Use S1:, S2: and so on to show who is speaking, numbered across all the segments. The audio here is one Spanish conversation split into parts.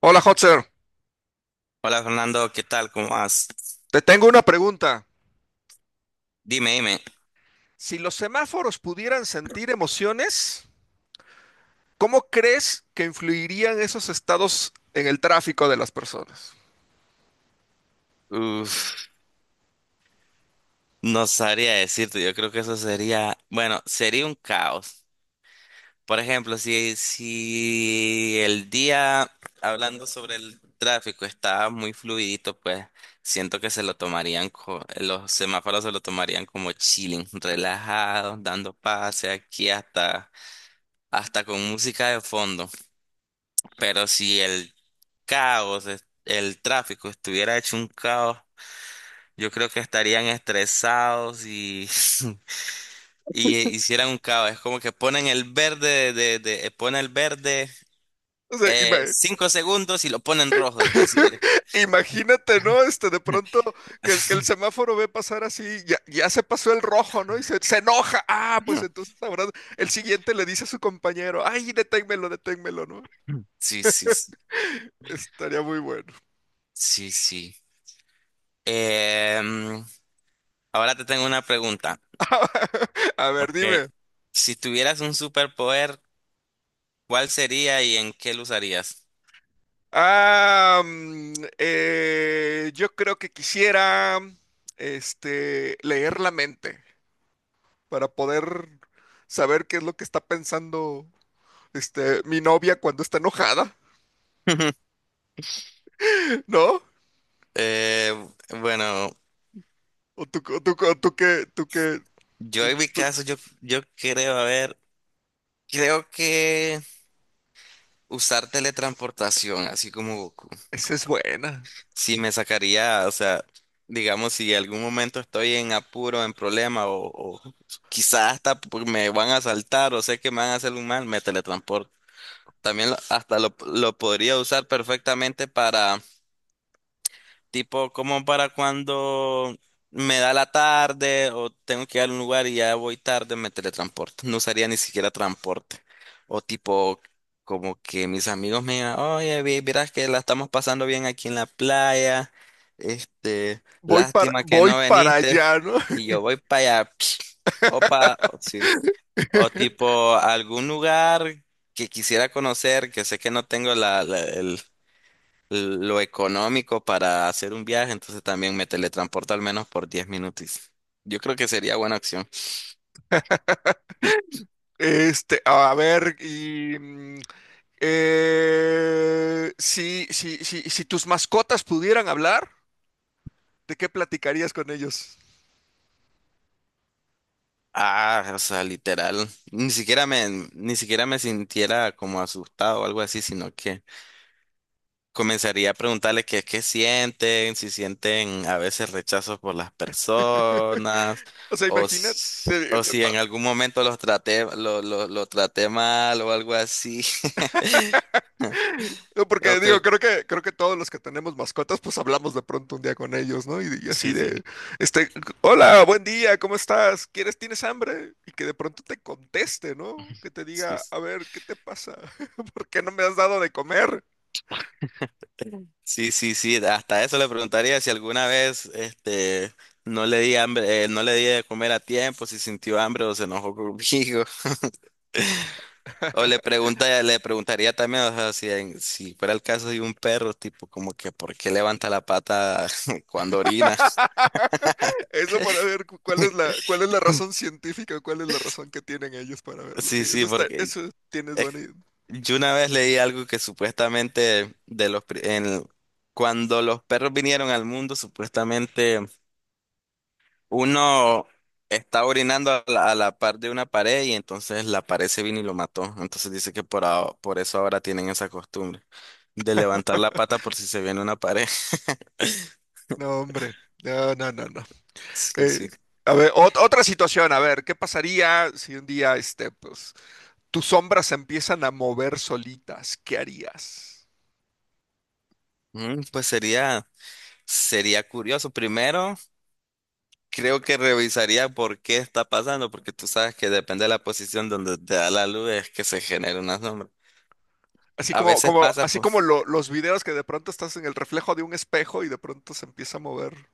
S1: Hola, Hotzer.
S2: Hola Fernando, ¿qué tal? ¿Cómo vas?
S1: Te tengo una pregunta.
S2: Dime, dime.
S1: Si los semáforos pudieran sentir emociones, ¿cómo crees que influirían esos estados en el tráfico de las personas?
S2: Uf, no sabría decirte, yo creo que eso sería, bueno, sería un caos. Por ejemplo, si el día, hablando sobre el tráfico, está muy fluidito, pues siento que se lo tomarían, los semáforos se lo tomarían como chilling, relajados, dando pase aquí hasta con música de fondo. Pero si el caos, el tráfico estuviera hecho un caos. Yo creo que estarían estresados y, y hicieran un caos. Es como que ponen el verde,
S1: O sea, ima-
S2: 5 segundos y lo ponen rojo. Así.
S1: Imagínate, ¿no? De pronto que el semáforo ve pasar así, ya, ya se pasó el rojo, ¿no? Y se enoja. Ah, pues entonces ahora el siguiente le dice a su compañero, ay, deténmelo, deténmelo, ¿no?
S2: Sí, sí, sí,
S1: Estaría muy bueno.
S2: sí, sí. Em, Ahora te tengo una pregunta.
S1: A ver,
S2: Ok.
S1: dime.
S2: Si tuvieras un superpoder, ¿cuál sería y en qué lo usarías?
S1: Yo creo que quisiera leer la mente para poder saber qué es lo que está pensando mi novia cuando está enojada, ¿no?
S2: Eh, bueno,
S1: O tú, o tú, o tú qué, tú qué,
S2: yo en mi
S1: tú-
S2: caso, yo creo, a ver, creo que usar teletransportación, así como Goku.
S1: Esa es buena.
S2: Sí, me sacaría, o sea, digamos, si en algún momento estoy en apuro, en problema, o quizás hasta me van a asaltar, o sé que me van a hacer un mal, me teletransporto. También hasta lo podría usar perfectamente para, tipo, como para cuando me da la tarde o tengo que ir a un lugar y ya voy tarde, me teletransporto. No usaría ni siquiera transporte. O tipo, como que mis amigos me digan, oye, vieras que la estamos pasando bien aquí en la playa. Este, lástima que
S1: Voy
S2: no
S1: para
S2: viniste.
S1: allá, ¿no?
S2: Y yo voy para allá. Opa, sí. O tipo algún lugar que quisiera conocer, que sé que no tengo la, lo económico para hacer un viaje, entonces también me teletransporto al menos por 10 minutos. Yo creo que sería buena opción.
S1: A ver, si tus mascotas pudieran hablar, ¿de qué platicarías con ellos?
S2: Ah, o sea, literal, ni siquiera me sintiera como asustado o algo así, sino que comenzaría a preguntarle qué es que sienten, si sienten a veces rechazo por las personas,
S1: O sea, imagínate. eh,
S2: o si
S1: ta-
S2: en algún momento los traté, lo traté mal o algo así.
S1: no, porque
S2: Ok,
S1: digo, creo que todos los que tenemos mascotas, pues hablamos de pronto un día con ellos, ¿no? Y así
S2: sí,
S1: de,
S2: sí,
S1: este, hola, buen día, ¿cómo estás? ¿Quieres, tienes hambre? Y que de pronto te conteste, ¿no? Que te
S2: sí.
S1: diga, a ver, ¿qué te pasa? ¿Por qué no me has dado de comer?
S2: Sí, sí, sí, hasta eso le preguntaría si alguna vez, este, no le di hambre, no le di de comer a tiempo, si sintió hambre o se enojó conmigo. O le pregunta, le preguntaría también, o sea, si, si fuera el caso de un perro, tipo como que por qué levanta la pata cuando orina.
S1: Eso para ver cuál es la razón científica, cuál es la razón que tienen ellos para verlo.
S2: Sí,
S1: Sí,
S2: sí,
S1: eso está,
S2: porque
S1: eso tienes
S2: es-
S1: buena idea.
S2: yo una vez leí algo que supuestamente de los cuando los perros vinieron al mundo, supuestamente uno está orinando a la par de una pared y entonces la pared se vino y lo mató. Entonces dice que por eso ahora tienen esa costumbre de levantar la pata por si se viene una pared.
S1: No, hombre. No, no, no, no.
S2: Sí,
S1: Eh,
S2: sí.
S1: a ver, otra situación, a ver, ¿qué pasaría si un día, pues, tus sombras se empiezan a mover solitas? ¿Qué harías?
S2: Mm, pues sería, sería curioso. Primero, creo que revisaría por qué está pasando, porque tú sabes que depende de la posición donde te da la luz es que se genera una sombra. A veces pasa,
S1: Así como
S2: pues
S1: los videos, que de pronto estás en el reflejo de un espejo y de pronto se empieza a mover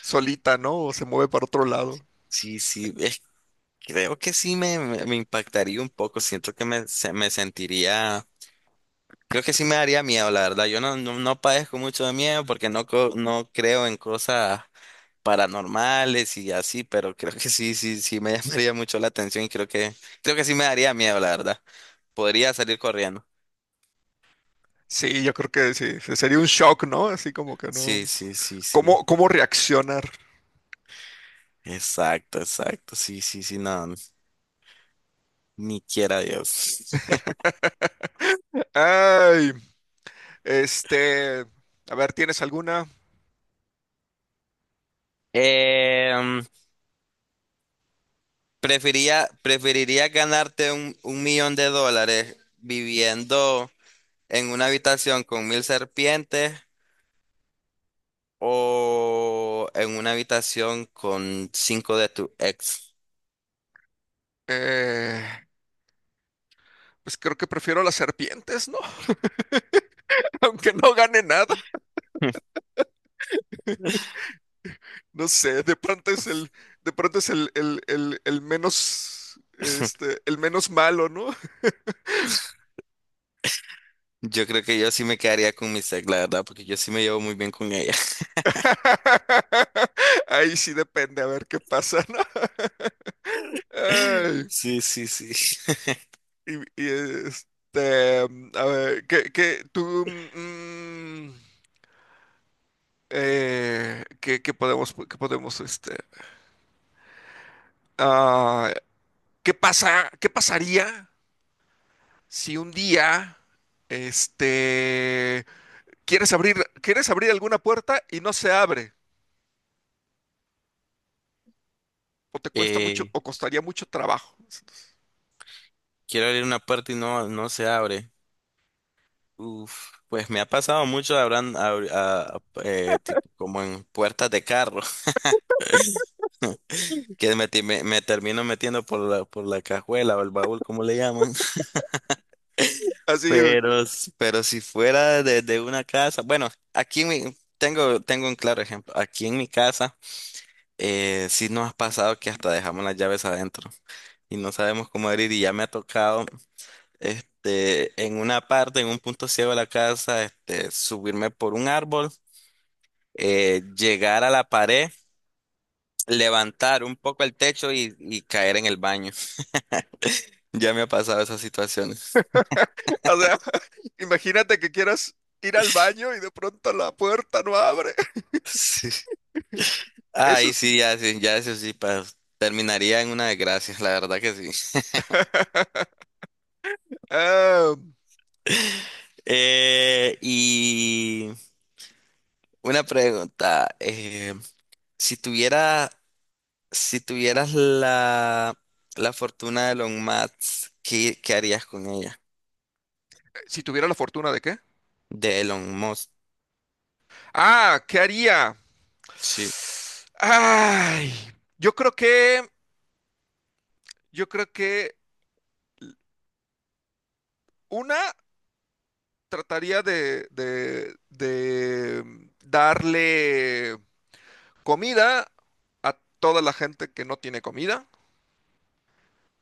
S1: solita, ¿no? O se mueve para otro lado.
S2: sí, sí, creo que sí me impactaría un poco. Siento que me sentiría. Creo que sí me daría miedo, la verdad. Yo no, no, no padezco mucho de miedo porque no, no creo en cosas paranormales y así, pero creo que sí, sí, sí me llamaría mucho la atención y creo que sí me daría miedo, la verdad. Podría salir corriendo.
S1: Sí, yo creo que sí, sería un shock, ¿no? Así como que no.
S2: Sí, sí, sí, sí.
S1: ¿Cómo, cómo reaccionar?
S2: Exacto, exacto. Sí, sí, sí, no, ni quiera Dios.
S1: Ay, este, a ver, ¿tienes alguna?
S2: Em, Prefería, preferiría ganarte un millón de dólares viviendo en una habitación con 1000 serpientes o en una habitación con cinco de tu ex.
S1: Eh, pues creo que prefiero las serpientes, ¿no? Aunque no gane nada, no sé, de pronto es el menos, el menos malo, ¿no?
S2: Yo creo que yo sí me quedaría con mi ex, la verdad, porque yo sí me llevo muy bien con ella.
S1: Ahí sí depende, a ver qué pasa, ¿no? Ay,
S2: Sí, sí, sí.
S1: y, y, este, a ver, ¿qué podemos, ah, qué pasaría si un día, este, quieres abrir, quieres abrir alguna puerta y no se abre, o te cuesta mucho,
S2: Eh,
S1: o costaría mucho trabajo.
S2: Quiero abrir una puerta y no, no se abre. Uf, pues me ha pasado mucho, habrán, tipo, como en puertas de carro, que me termino metiendo por la cajuela o el baúl, como le llaman.
S1: Así, o
S2: Pero si fuera de una casa, bueno, aquí en tengo un claro ejemplo. Aquí en mi casa, sí nos ha pasado que hasta dejamos las llaves adentro y no sabemos cómo abrir y ya me ha tocado, este, en una parte, en un punto ciego de la casa, este, subirme por un árbol, llegar a la pared, levantar un poco el techo y caer en el baño. Ya me ha pasado esas situaciones.
S1: sea, imagínate que quieras ir al baño y de pronto la puerta no abre. Eso
S2: Ahí
S1: es.
S2: sí, ya, sí, ya eso sí, terminaría en una desgracia, la verdad que sí.
S1: ah,
S2: Y una pregunta, si tuviera, si tuvieras la fortuna de Elon Musk, ¿qué, qué harías con ella?
S1: si tuviera la fortuna de qué.
S2: De Elon Musk,
S1: Ah, ¿qué haría?
S2: sí,
S1: Ay, yo creo que, yo creo que una trataría de, de darle comida a toda la gente que no tiene comida.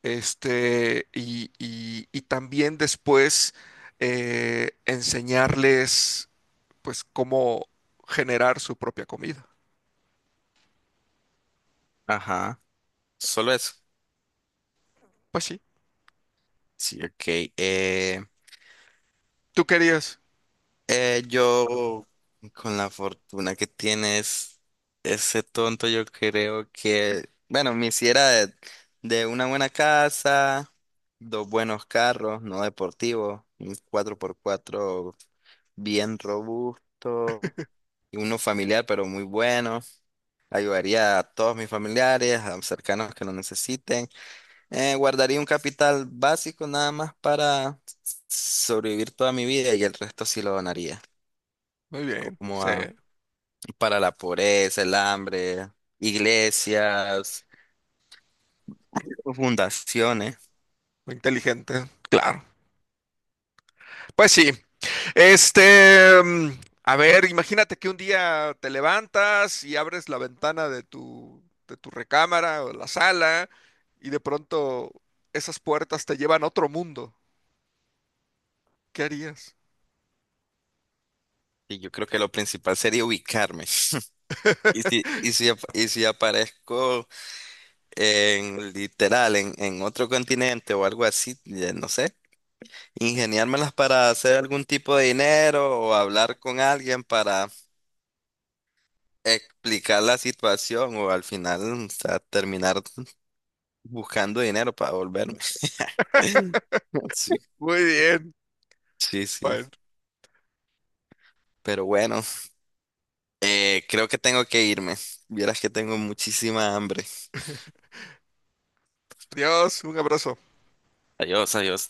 S1: Y también después enseñarles, pues, cómo generar su propia comida.
S2: ajá, solo eso.
S1: Pues sí,
S2: Sí, ok. eh,
S1: tú querías.
S2: Eh, yo, con la fortuna que tienes, ese tonto, yo creo que, bueno, me hiciera de una buena casa, dos buenos carros, no deportivos, un 4x4 bien robusto y uno familiar, pero muy bueno. Ayudaría a todos mis familiares, a cercanos que lo necesiten. Guardaría un capital básico nada más para sobrevivir toda mi vida y el resto sí lo donaría.
S1: Muy bien,
S2: Como
S1: sí,
S2: a, para la pobreza, el hambre, iglesias, fundaciones.
S1: muy inteligente, claro. Pues sí, este, mm, a ver, imagínate que un día te levantas y abres la ventana de tu recámara o la sala y de pronto esas puertas te llevan a otro mundo. ¿Qué harías?
S2: Y yo creo que lo principal sería ubicarme. Y si aparezco en literal en otro continente o algo así, ya no sé, ingeniármelas para hacer algún tipo de dinero o hablar con alguien para explicar la situación o al final, o sea, terminar buscando dinero para volverme. Sí,
S1: Muy bien.
S2: sí, sí.
S1: Bueno.
S2: Pero bueno. Creo que tengo que irme. Vieras que tengo muchísima hambre.
S1: Adiós, un abrazo.
S2: Adiós, adiós.